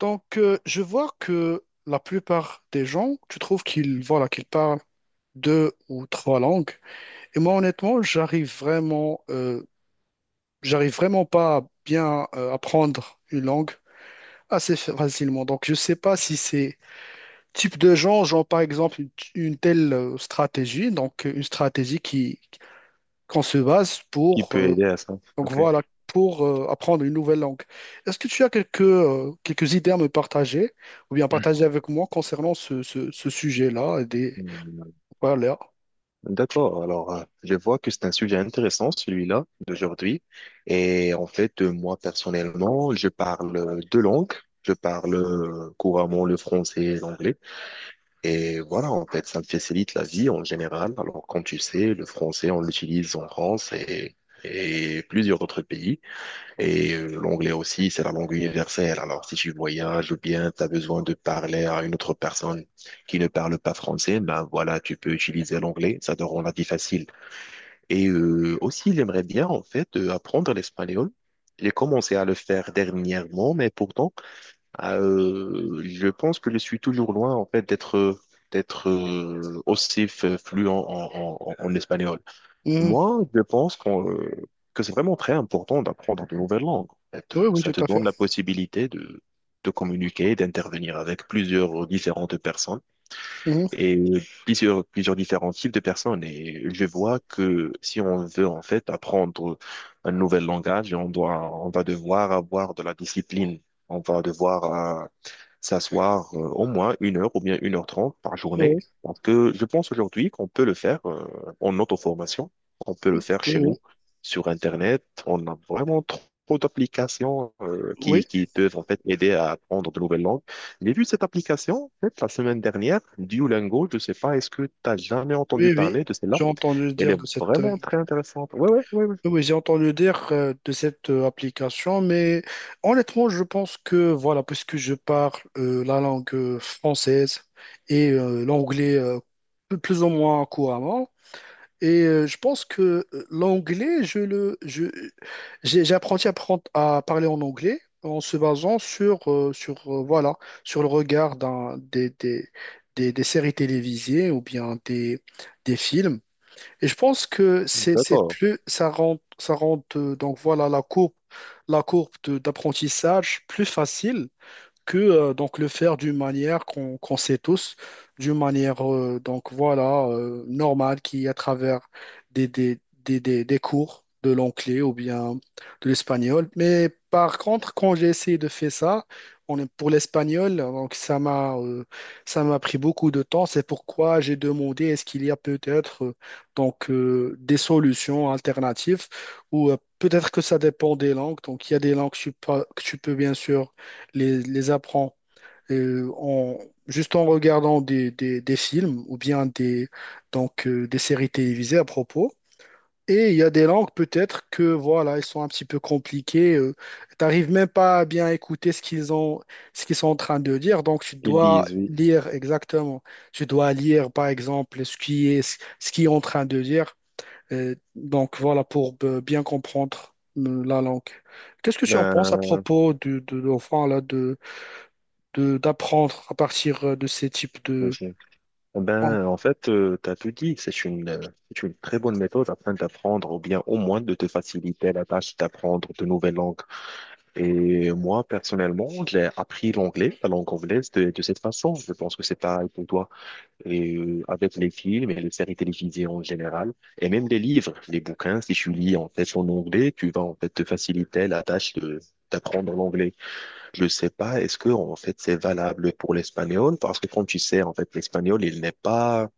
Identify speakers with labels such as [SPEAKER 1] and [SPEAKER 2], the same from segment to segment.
[SPEAKER 1] Donc, je vois que la plupart des gens, tu trouves qu'ils voilà, qu'ils parlent deux ou trois langues. Et moi, honnêtement, j'arrive vraiment pas à bien apprendre une langue assez facilement. Donc, je sais pas si c'est type de gens, genre par exemple une telle stratégie, donc une stratégie qui qu'on se base
[SPEAKER 2] Qui
[SPEAKER 1] pour
[SPEAKER 2] peut aider à ça.
[SPEAKER 1] donc
[SPEAKER 2] Ok.
[SPEAKER 1] voilà, pour apprendre une nouvelle langue. Est-ce que tu as quelques idées à me partager ou bien partager avec moi concernant ce sujet-là et des.
[SPEAKER 2] Hmm.
[SPEAKER 1] Voilà.
[SPEAKER 2] D'accord. Alors, je vois que c'est un sujet intéressant, celui-là, d'aujourd'hui. Et en fait, moi, personnellement, je parle deux langues. Je parle couramment le français et l'anglais. Et voilà, en fait, ça me facilite la vie en général. Alors, comme tu sais, le français, on l'utilise en France et plusieurs autres pays. Et l'anglais aussi, c'est la langue universelle. Alors, si tu voyages ou bien tu as besoin de parler à une autre personne qui ne parle pas français, ben voilà, tu peux utiliser l'anglais, ça te rend la vie facile. Et aussi, j'aimerais bien, en fait, apprendre l'espagnol. J'ai commencé à le faire dernièrement, mais pourtant, je pense que je suis toujours loin, en fait, d'être aussi fluent en espagnol.
[SPEAKER 1] Mhm.
[SPEAKER 2] Moi, je pense que c'est vraiment très important d'apprendre de nouvelles langues. Ça te,
[SPEAKER 1] Oui, oui,
[SPEAKER 2] ça te
[SPEAKER 1] tout à fait.
[SPEAKER 2] donne la possibilité de communiquer, d'intervenir avec plusieurs différentes personnes
[SPEAKER 1] Mhm.
[SPEAKER 2] et plusieurs différents types de personnes. Et je vois que si on veut en fait apprendre un nouvel langage, on va devoir avoir de la discipline. On va devoir s'asseoir au moins une heure ou bien une heure trente par journée.
[SPEAKER 1] Oui,
[SPEAKER 2] Parce que je pense aujourd'hui qu'on peut le faire en auto-formation, on peut le faire
[SPEAKER 1] oui,
[SPEAKER 2] chez
[SPEAKER 1] oui.
[SPEAKER 2] nous, sur Internet. On a vraiment trop d'applications qui,
[SPEAKER 1] Oui,
[SPEAKER 2] qui peuvent en fait aider à apprendre de nouvelles langues. J'ai vu cette application en fait, la semaine dernière, Duolingo. Je ne sais pas, est-ce que tu n'as jamais entendu
[SPEAKER 1] oui, oui.
[SPEAKER 2] parler de celle-là?
[SPEAKER 1] J'ai entendu
[SPEAKER 2] Elle
[SPEAKER 1] dire
[SPEAKER 2] est
[SPEAKER 1] de cette.
[SPEAKER 2] vraiment très intéressante. Oui, oui, oui, ouais, ouais, ouais,
[SPEAKER 1] Oui, oui, j'ai entendu dire de cette application, mais honnêtement, je pense que, voilà, puisque je parle la langue française et l'anglais plus ou moins couramment. Et je pense que l'anglais, j'ai appris à parler en anglais en se basant sur, voilà, sur le regard d'un, des séries télévisées ou bien des films. Et je pense que
[SPEAKER 2] ouais.
[SPEAKER 1] c'est
[SPEAKER 2] D'accord.
[SPEAKER 1] plus, ça rend, donc voilà, la courbe d'apprentissage plus facile que donc le faire d'une manière qu'on sait tous, d'une manière donc voilà normale qui est à travers des cours de l'anglais ou bien de l'espagnol. Mais par contre, quand j'ai essayé de faire ça, on est pour l'espagnol, donc ça m'a pris beaucoup de temps. C'est pourquoi j'ai demandé est-ce qu'il y a peut-être donc des solutions alternatives ou peut-être que ça dépend des langues. Donc il y a des langues que tu peux bien sûr les apprend euh, en, juste en regardant des films ou bien des séries télévisées à propos. Et il y a des langues peut-être que voilà, elles sont un petit peu compliquées. T'arrives même pas à bien écouter ce qu'ils sont en train de dire. Donc tu
[SPEAKER 2] Ils
[SPEAKER 1] dois
[SPEAKER 2] disent oui.
[SPEAKER 1] lire exactement. Tu dois lire par exemple ce qui est en train de dire. Donc voilà pour bien comprendre la langue. Qu'est-ce que tu en penses à
[SPEAKER 2] Ben,
[SPEAKER 1] propos enfin, là, de d'apprendre à partir de ces types de.
[SPEAKER 2] Eh
[SPEAKER 1] Oh.
[SPEAKER 2] ben, en fait, tu as tout dit. C'est une très bonne méthode afin d'apprendre ou bien au moins de te faciliter la tâche d'apprendre de nouvelles langues. Et moi, personnellement, j'ai appris l'anglais, la langue anglaise, de cette façon. Je pense que c'est pareil pour toi. Et avec les films et les séries télévisées en général, et même les livres, les bouquins, si tu lis en fait en anglais, tu vas en fait te faciliter la tâche de d'apprendre l'anglais. Je sais pas, est-ce que en fait c'est valable pour l'espagnol? Parce que comme tu sais, en fait, l'espagnol, il n'est pas,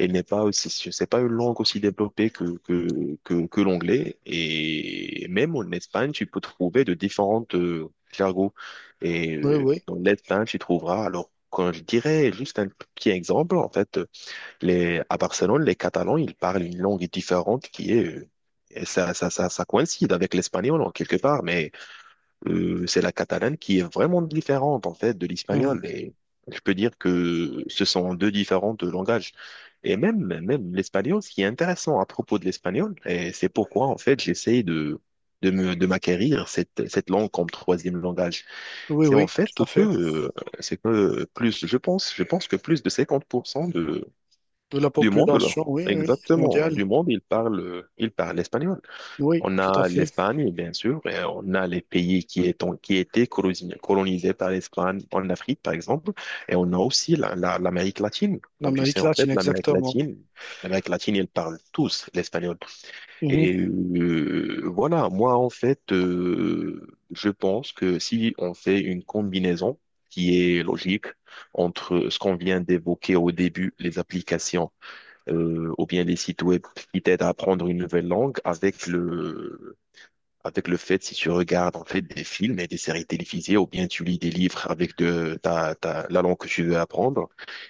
[SPEAKER 2] elle n'est pas aussi, c'est pas une langue aussi développée que l'anglais. Et même en Espagne, tu peux trouver de différentes jargons. Et
[SPEAKER 1] Oui, oui,
[SPEAKER 2] dans l'Espagne, tu trouveras, alors, quand je dirais juste un petit exemple, en fait, les, à Barcelone, les Catalans, ils parlent une langue différente qui est, et ça coïncide avec l'espagnol en quelque part, mais c'est la catalane qui est vraiment différente en fait de
[SPEAKER 1] euh,
[SPEAKER 2] l'espagnol. Et je peux dire que ce sont deux différents de langages. Et même, même l'espagnol, ce qui est intéressant à propos de l'espagnol, et c'est pourquoi en fait j'essaie de de m'acquérir cette langue comme troisième langage.
[SPEAKER 1] oui,
[SPEAKER 2] C'est en
[SPEAKER 1] oui,
[SPEAKER 2] fait
[SPEAKER 1] tout à fait.
[SPEAKER 2] c'est que plus je pense que plus de 50% de
[SPEAKER 1] De la
[SPEAKER 2] du monde là,
[SPEAKER 1] population, oui, oui,
[SPEAKER 2] exactement
[SPEAKER 1] mondiale,
[SPEAKER 2] du monde, il parle l'espagnol.
[SPEAKER 1] oui,
[SPEAKER 2] On
[SPEAKER 1] tout à
[SPEAKER 2] a
[SPEAKER 1] fait.
[SPEAKER 2] l'Espagne, bien sûr, et on a les pays qui, étant, qui étaient colonisés par l'Espagne en Afrique, par exemple, et on a aussi l'Amérique latine. Comme tu sais,
[SPEAKER 1] L'Amérique
[SPEAKER 2] en
[SPEAKER 1] latine,
[SPEAKER 2] fait,
[SPEAKER 1] exactement.
[SPEAKER 2] l'Amérique latine, ils parlent tous l'espagnol.
[SPEAKER 1] Mhm.
[SPEAKER 2] Et voilà, moi, en fait, je pense que si on fait une combinaison qui est logique entre ce qu'on vient d'évoquer au début, les applications, ou bien les sites web qui t'aident à apprendre une nouvelle langue avec le fait, si tu regardes en fait des films et des séries télévisées, ou bien tu lis des livres avec la langue que tu veux apprendre,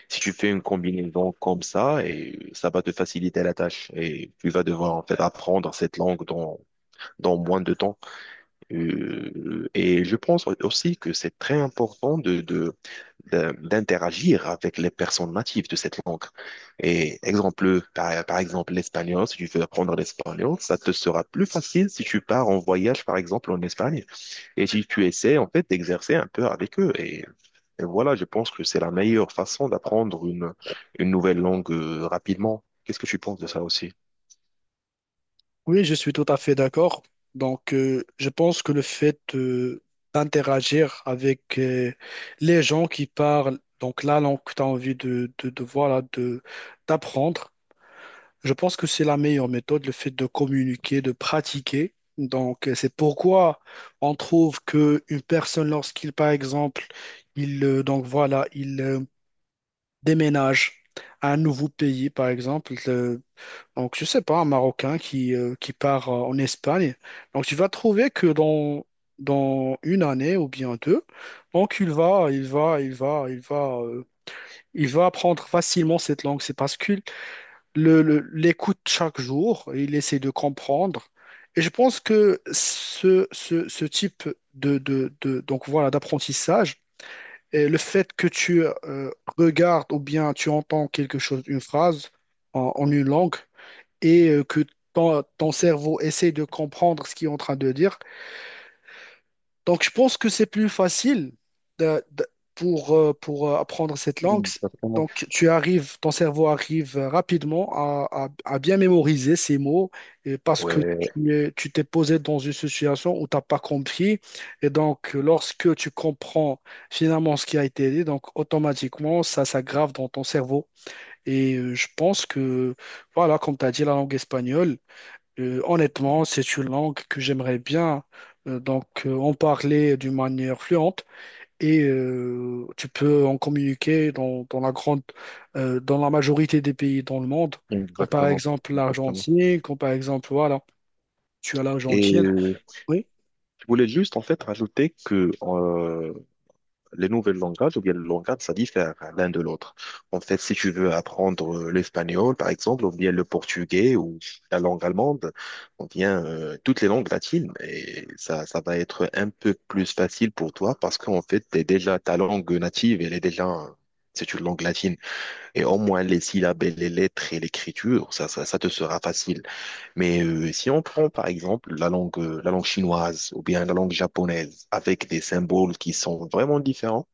[SPEAKER 2] si tu fais une combinaison comme ça, et ça va te faciliter la tâche et tu vas devoir en fait apprendre cette langue dans, dans moins de temps. Et je pense aussi que c'est très important d'interagir avec les personnes natives de cette langue. Et exemple, par exemple, l'espagnol, si tu veux apprendre l'espagnol, ça te sera plus facile si tu pars en voyage, par exemple, en Espagne, et si tu essaies, en fait, d'exercer un peu avec eux. Et voilà, je pense que c'est la meilleure façon d'apprendre une nouvelle langue, rapidement. Qu'est-ce que tu penses de ça aussi?
[SPEAKER 1] Oui, je suis tout à fait d'accord. Donc, je pense que le fait d'interagir avec les gens qui parlent, donc la langue que tu as envie voilà, d'apprendre. Je pense que c'est la meilleure méthode, le fait de communiquer, de pratiquer. Donc, c'est pourquoi on trouve que une personne, lorsqu'il, par exemple, il, donc voilà, il déménage à un nouveau pays, par exemple, donc je sais pas, un Marocain qui part en Espagne. Donc, tu vas trouver que dans une année ou bien deux, donc il va, il va, il va, il va, il va apprendre facilement cette langue. C'est parce que l'écoute chaque jour, il essaie de comprendre. Et je pense que ce type donc voilà, d'apprentissage, et le fait que tu regardes ou bien tu entends quelque chose, une phrase en une langue, et que ton cerveau essaie de comprendre ce qu'il est en train de dire, donc, je pense que c'est plus facile de- de- pour apprendre cette langue.
[SPEAKER 2] Mm, exactement.
[SPEAKER 1] Donc, ton cerveau arrive rapidement à bien mémoriser ces mots et parce que
[SPEAKER 2] Ouais,
[SPEAKER 1] tu t'es posé dans une situation où tu n'as pas compris. Et donc, lorsque tu comprends finalement ce qui a été dit, donc automatiquement, ça s'aggrave dans ton cerveau. Et je pense que, voilà, comme tu as dit, la langue espagnole. Honnêtement, c'est une langue que j'aimerais bien donc en parler d'une manière fluente et tu peux en communiquer dans la majorité des pays dans le monde, comme par
[SPEAKER 2] exactement,
[SPEAKER 1] exemple
[SPEAKER 2] exactement.
[SPEAKER 1] l'Argentine, comme par exemple voilà, tu as l'Argentine.
[SPEAKER 2] Et
[SPEAKER 1] Oui.
[SPEAKER 2] je voulais juste en fait rajouter que les nouvelles langages ou bien le langage, ça diffère l'un de l'autre. En fait, si tu veux apprendre l'espagnol, par exemple, ou bien le portugais ou la langue allemande, ou bien toutes les langues latines, et ça va être un peu plus facile pour toi parce qu'en fait, t'es déjà ta langue native, elle est déjà c'est une langue latine. Et au moins les syllabes, et les lettres et l'écriture, ça te sera facile. Mais si on prend par exemple la langue chinoise ou bien la langue japonaise avec des symboles qui sont vraiment différents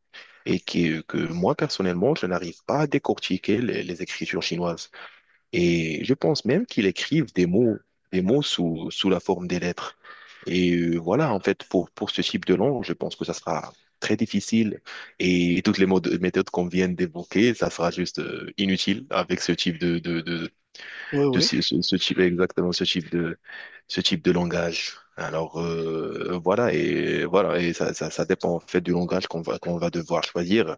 [SPEAKER 2] et qui, que moi personnellement, je n'arrive pas à décortiquer les écritures chinoises. Et je pense même qu'ils écrivent des mots sous la forme des lettres. Et voilà, en fait, pour ce type de langue, je pense que ça sera très difficile et toutes les méthodes qu'on vient d'évoquer, ça sera juste inutile avec ce type
[SPEAKER 1] Oui, oui,
[SPEAKER 2] ce type, exactement ce type de langage. Alors voilà et voilà et ça dépend en fait du langage qu'on va devoir choisir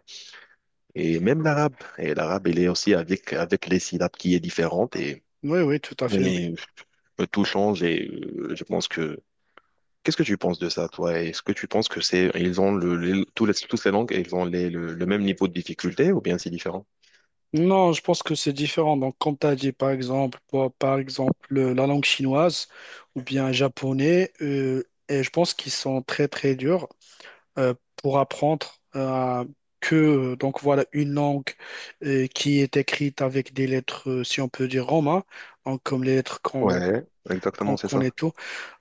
[SPEAKER 2] et même l'arabe et l'arabe il est aussi avec avec les syllabes qui est différente
[SPEAKER 1] oui, oui, tout à fait, oui.
[SPEAKER 2] et tout change et je pense que. Qu'est-ce que tu penses de ça, toi? Est-ce que tu penses que c'est ils ont tous tous les langues, ils ont le même niveau de difficulté ou bien c'est différent?
[SPEAKER 1] Non, je pense que c'est différent. Donc, comme tu as dit, par exemple, par exemple, la langue chinoise ou bien japonais, et je pense qu'ils sont très, très durs pour apprendre euh, que, donc voilà, une langue qui est écrite avec des lettres, si on peut dire romain, donc comme les lettres qu'on
[SPEAKER 2] Ouais,
[SPEAKER 1] qu'on
[SPEAKER 2] exactement, c'est
[SPEAKER 1] connaît
[SPEAKER 2] ça.
[SPEAKER 1] tout.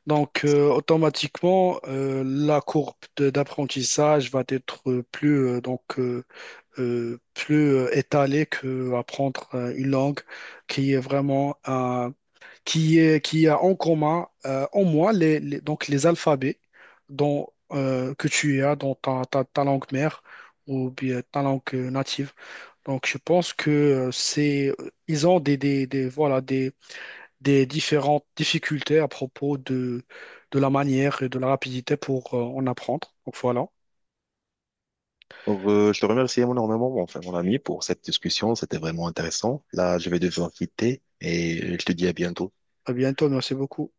[SPEAKER 1] Donc, automatiquement, la courbe d'apprentissage va être plus, donc, plus étalé que apprendre une langue qui est vraiment qui est qui a en commun au moins les alphabets dont que tu as dans ta langue mère ou bien ta langue native. Donc je pense que c'est ils ont des voilà, des différentes difficultés à propos de la manière et de la rapidité pour en apprendre. Donc voilà.
[SPEAKER 2] Alors, je te remercie énormément, enfin, mon ami, pour cette discussion. C'était vraiment intéressant. Là, je vais devoir quitter et je te dis à bientôt.
[SPEAKER 1] À bientôt, merci beaucoup.